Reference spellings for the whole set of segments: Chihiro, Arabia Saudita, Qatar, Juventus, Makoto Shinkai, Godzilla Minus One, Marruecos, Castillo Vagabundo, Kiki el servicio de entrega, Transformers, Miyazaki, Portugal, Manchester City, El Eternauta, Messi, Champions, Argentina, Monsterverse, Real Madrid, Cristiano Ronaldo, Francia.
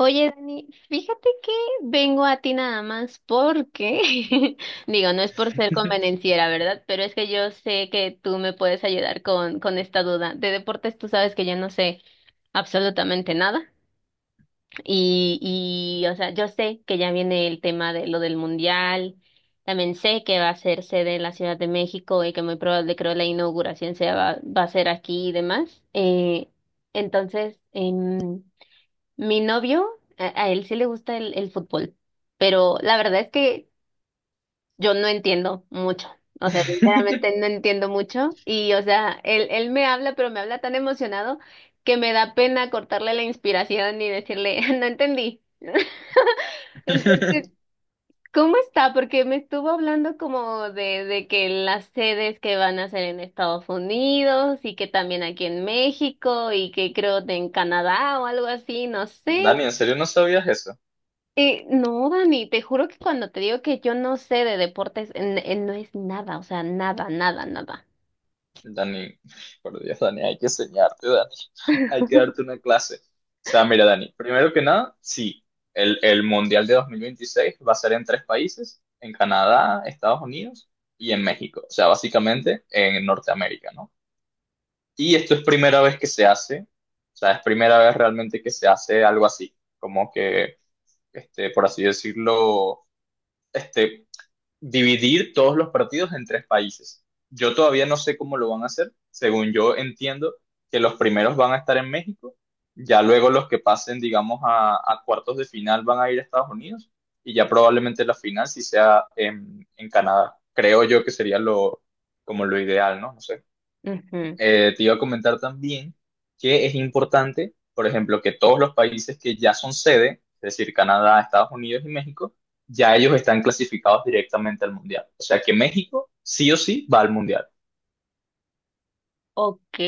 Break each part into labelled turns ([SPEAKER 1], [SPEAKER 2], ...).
[SPEAKER 1] Oye, Dani, fíjate que vengo a ti nada más porque, digo, no es por ser convenenciera, ¿verdad? Pero es que yo sé que tú me puedes ayudar con esta duda. De deportes tú sabes que yo no sé absolutamente nada y, y o sea, yo sé que ya viene el tema de lo del mundial, también sé que va a ser sede en la Ciudad de México y que muy probable creo la inauguración sea, va a ser aquí y demás. Entonces, mi novio, a él sí le gusta el fútbol, pero la verdad es que yo no entiendo mucho. O sea, sinceramente no entiendo mucho. Y, o sea, él me habla, pero me habla tan emocionado que me da pena cortarle la inspiración y decirle, no entendí. Entonces, ¿cómo está? Porque me estuvo hablando como de que las sedes que van a ser en Estados Unidos y que también aquí en México y que creo de en Canadá o algo así, no sé.
[SPEAKER 2] Dani, ¿en serio no sabías eso?
[SPEAKER 1] No, Dani, te juro que cuando te digo que yo no sé de deportes, no es nada, o sea, nada, nada, nada.
[SPEAKER 2] Dani, por Dios, Dani, hay que enseñarte, Dani. Hay que darte una clase. O sea, mira, Dani, primero que nada, sí, el Mundial de 2026 va a ser en tres países, en Canadá, Estados Unidos y en México. O sea, básicamente en Norteamérica, ¿no? Y esto es primera vez que se hace, o sea, es primera vez realmente que se hace algo así, como que, este, por así decirlo, este, dividir todos los partidos en tres países. Yo todavía no sé cómo lo van a hacer. Según yo entiendo que los primeros van a estar en México, ya luego los que pasen, digamos, a cuartos de final van a ir a Estados Unidos y ya probablemente la final sí sea en Canadá. Creo yo que sería lo, como lo ideal, ¿no? No sé,
[SPEAKER 1] Ujú.
[SPEAKER 2] te iba a comentar también que es importante, por ejemplo, que todos los países que ya son sede, es decir, Canadá, Estados Unidos y México, ya ellos están clasificados directamente al Mundial. O sea que México sí o sí va al Mundial.
[SPEAKER 1] Ok.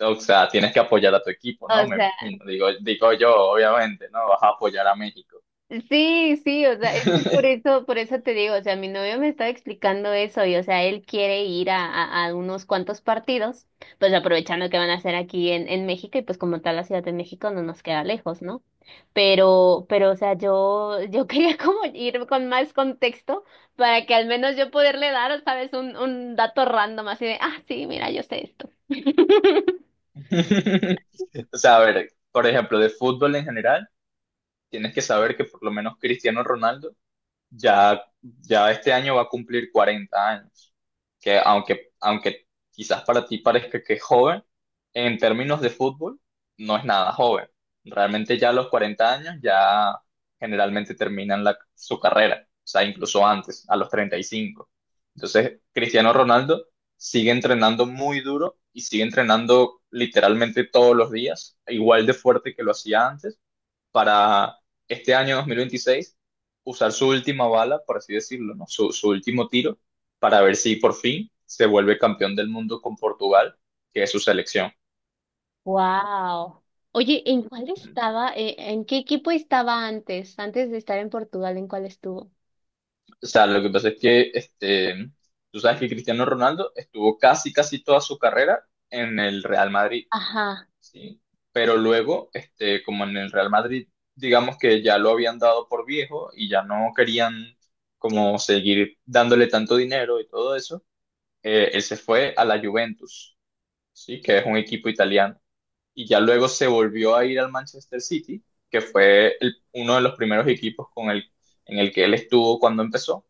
[SPEAKER 2] O sea, tienes que apoyar a tu equipo, ¿no?
[SPEAKER 1] O
[SPEAKER 2] Me
[SPEAKER 1] sea,
[SPEAKER 2] imagino. Digo, digo yo, obviamente, ¿no? Vas a apoyar a México.
[SPEAKER 1] sí, sí, o sea, es que por eso te digo, o sea, mi novio me estaba explicando eso y, o sea, él quiere ir a unos cuantos partidos, pues aprovechando que van a hacer aquí en México y pues como tal la Ciudad de México no nos queda lejos, ¿no? Pero, o sea, yo quería como ir con más contexto para que al menos yo poderle dar, ¿sabes? Un dato random así de, ah, sí, mira, yo sé esto.
[SPEAKER 2] O sea, a ver, por ejemplo, de fútbol en general, tienes que saber que por lo menos Cristiano Ronaldo ya, ya este año va a cumplir 40 años, que aunque quizás para ti parezca que es joven, en términos de fútbol no es nada joven. Realmente ya a los 40 años ya generalmente terminan su carrera, o sea, incluso antes, a los 35. Entonces, Cristiano Ronaldo sigue entrenando muy duro y sigue entrenando literalmente todos los días, igual de fuerte que lo hacía antes para este año 2026 usar su última bala, por así decirlo, ¿no? Su último tiro, para ver si por fin se vuelve campeón del mundo con Portugal, que es su selección.
[SPEAKER 1] Wow. Oye, ¿en cuál estaba? ¿En qué equipo estaba antes? Antes de estar en Portugal, ¿en cuál estuvo?
[SPEAKER 2] O sea, lo que pasa es que este, tú sabes que Cristiano Ronaldo estuvo casi, casi toda su carrera en el Real Madrid,
[SPEAKER 1] Ajá.
[SPEAKER 2] ¿sí? Pero luego, este, como en el Real Madrid, digamos que ya lo habían dado por viejo y ya no querían como seguir dándole tanto dinero y todo eso, él se fue a la Juventus, ¿sí? Que es un equipo italiano. Y ya luego se volvió a ir al Manchester City, que fue uno de los primeros equipos con en el que él estuvo cuando empezó.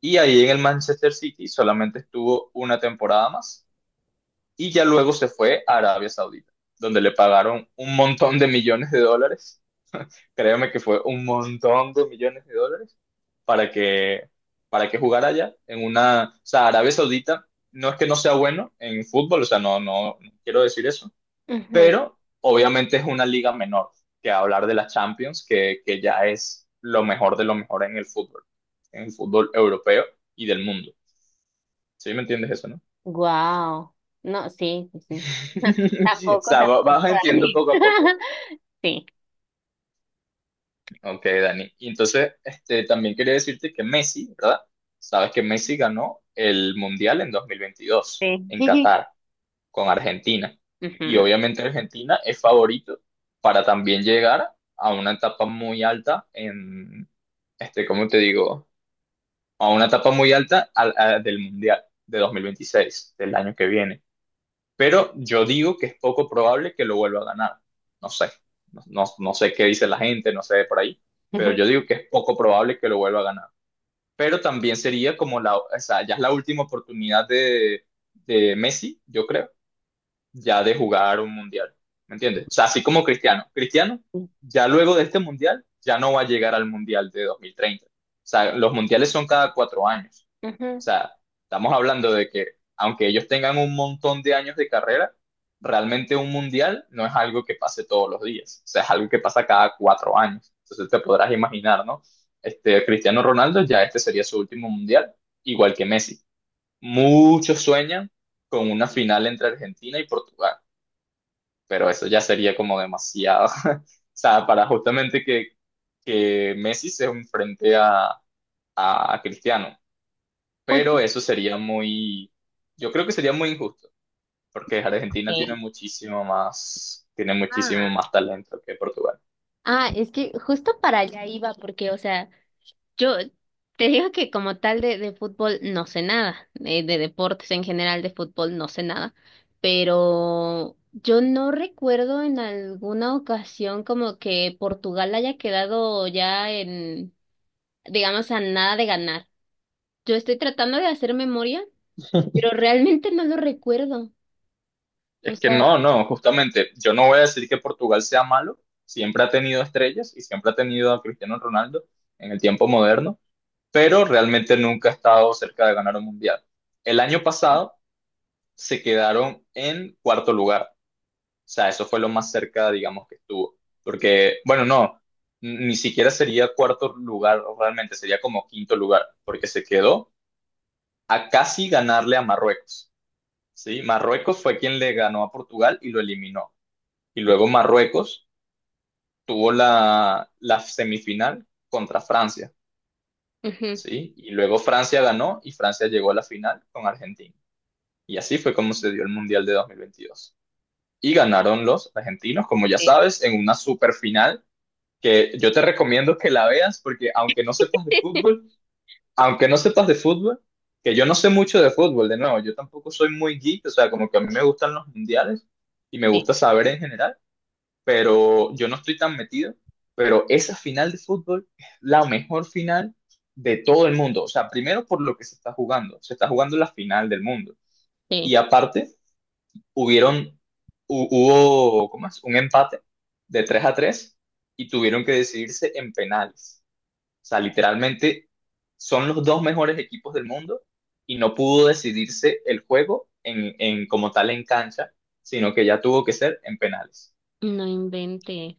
[SPEAKER 2] Y ahí en el Manchester City solamente estuvo una temporada más. Y ya luego se fue a Arabia Saudita, donde le pagaron un montón de millones de dólares, créeme que fue un montón de millones de dólares para que, para que jugara allá en una, o sea, Arabia Saudita no es que no sea bueno en fútbol, o sea, no, no, no quiero decir eso,
[SPEAKER 1] Ujú.
[SPEAKER 2] pero obviamente es una liga menor que hablar de la Champions, que ya es lo mejor de lo mejor en el fútbol europeo y del mundo. ¿Sí me entiendes eso, no?
[SPEAKER 1] Wow. No, sí, sí, sí.
[SPEAKER 2] O
[SPEAKER 1] Tampoco,
[SPEAKER 2] sea,
[SPEAKER 1] tampoco,
[SPEAKER 2] vas entiendo
[SPEAKER 1] Dani.
[SPEAKER 2] poco a poco.
[SPEAKER 1] Sí,
[SPEAKER 2] Ok, Dani. Y entonces, este, también quería decirte que Messi, ¿verdad? Sabes que Messi ganó el Mundial en 2022 en
[SPEAKER 1] sí.
[SPEAKER 2] Qatar, con Argentina. Y
[SPEAKER 1] Ujú.
[SPEAKER 2] obviamente Argentina es favorito para también llegar a una etapa muy alta en, este, ¿cómo te digo? A una etapa muy alta del Mundial de 2026 del año que viene, pero yo digo que es poco probable que lo vuelva a ganar. No sé, no, no, no sé qué dice la gente, no sé de por ahí, pero yo digo que es poco probable que lo vuelva a ganar. Pero también sería como la, o sea, ya es la última oportunidad de, Messi, yo creo, ya de jugar un mundial. ¿Me entiendes? O sea, así como Cristiano. Cristiano, ya luego de este mundial, ya no va a llegar al mundial de 2030. O sea, los mundiales son cada 4 años. O
[SPEAKER 1] Ujú.
[SPEAKER 2] sea, estamos hablando de que aunque ellos tengan un montón de años de carrera, realmente un mundial no es algo que pase todos los días, o sea, es algo que pasa cada 4 años. Entonces te podrás imaginar, ¿no? Este, Cristiano Ronaldo ya este sería su último mundial, igual que Messi. Muchos sueñan con una final entre Argentina y Portugal, pero eso ya sería como demasiado, o sea, para justamente que Messi se enfrente a Cristiano. Pero
[SPEAKER 1] Oye,
[SPEAKER 2] eso sería muy, yo creo que sería muy injusto, porque Argentina
[SPEAKER 1] ¿qué?
[SPEAKER 2] tiene muchísimo
[SPEAKER 1] Ah,
[SPEAKER 2] más talento que Portugal.
[SPEAKER 1] ah, es que justo para allá iba, porque, o sea, yo te digo que como tal de fútbol no sé nada, de, deportes en general de fútbol no sé nada, pero yo no recuerdo en alguna ocasión como que Portugal haya quedado ya en, digamos, a nada de ganar. Yo estoy tratando de hacer memoria, pero realmente no lo recuerdo. O
[SPEAKER 2] Es que
[SPEAKER 1] sea,
[SPEAKER 2] no, no, justamente, yo no voy a decir que Portugal sea malo, siempre ha tenido estrellas y siempre ha tenido a Cristiano Ronaldo en el tiempo moderno, pero realmente nunca ha estado cerca de ganar un mundial. El año pasado se quedaron en cuarto lugar, sea, eso fue lo más cerca, digamos, que estuvo. Porque, bueno, no, ni siquiera sería cuarto lugar realmente, sería como quinto lugar, porque se quedó a casi ganarle a Marruecos. ¿Sí? Marruecos fue quien le ganó a Portugal y lo eliminó. Y luego Marruecos tuvo la semifinal contra Francia,
[SPEAKER 1] ujú,
[SPEAKER 2] ¿sí? Y luego Francia ganó y Francia llegó a la final con Argentina. Y así fue como se dio el Mundial de 2022. Y ganaron los argentinos, como ya
[SPEAKER 1] sí,
[SPEAKER 2] sabes, en una superfinal que yo te recomiendo que la veas porque aunque no sepas de fútbol, aunque no sepas de fútbol, que yo no sé mucho de fútbol, de nuevo, yo tampoco soy muy geek, o sea, como que a mí me gustan los mundiales y me
[SPEAKER 1] sí,
[SPEAKER 2] gusta saber en general, pero yo no estoy tan metido, pero esa final de fútbol es la mejor final de todo el mundo, o sea, primero por lo que se está jugando la final del mundo y
[SPEAKER 1] sí,
[SPEAKER 2] aparte hubieron, hubo, ¿cómo es? Un empate de 3-3 y tuvieron que decidirse en penales. O sea, literalmente son los dos mejores equipos del mundo y no pudo decidirse el juego en, como tal en cancha, sino que ya tuvo que ser en penales.
[SPEAKER 1] no inventé.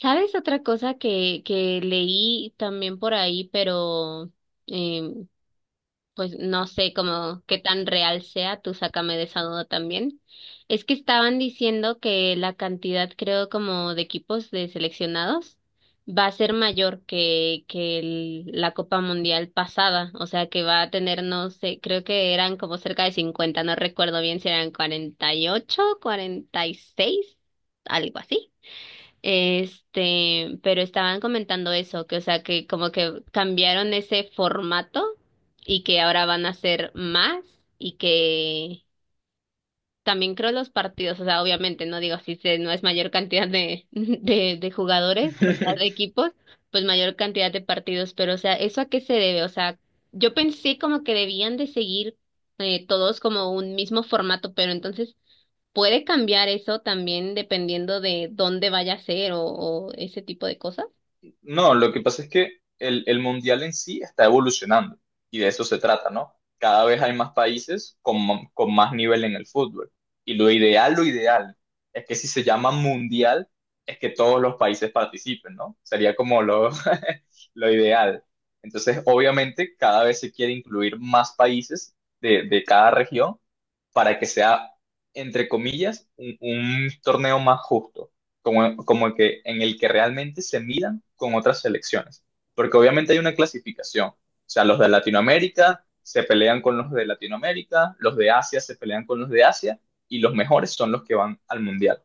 [SPEAKER 1] ¿Sabes otra cosa que leí también por ahí, pero eh, pues no sé cómo qué tan real sea, tú sácame de esa duda también? Es que estaban diciendo que la cantidad, creo, como de equipos de seleccionados va a ser mayor que el- la Copa Mundial pasada, o sea que va a tener, no sé, creo que eran como cerca de 50, no recuerdo bien si eran 48, 46, algo así. Este, pero estaban comentando eso, que o sea, que como que cambiaron ese formato y que ahora van a hacer más y que también creo los partidos, o sea, obviamente, no digo si se, no es mayor cantidad de, de jugadores, o sea, de equipos, pues mayor cantidad de partidos, pero o sea, ¿eso a qué se debe? O sea, yo pensé como que debían de seguir todos como un mismo formato, pero entonces puede cambiar eso también dependiendo de dónde vaya a ser o ese tipo de cosas.
[SPEAKER 2] No, lo que pasa es que el mundial en sí está evolucionando y de eso se trata, ¿no? Cada vez hay más países con, con más nivel en el fútbol. Y lo ideal, es que si se llama mundial, es que todos los países participen, ¿no? Sería como lo, lo ideal. Entonces, obviamente, cada vez se quiere incluir más países de, cada región para que sea, entre comillas, un torneo más justo como, como el que, en el que realmente se midan con otras selecciones, porque obviamente hay una clasificación, o sea, los de Latinoamérica se pelean con los de Latinoamérica, los de Asia se pelean con los de Asia y los mejores son los que van al Mundial.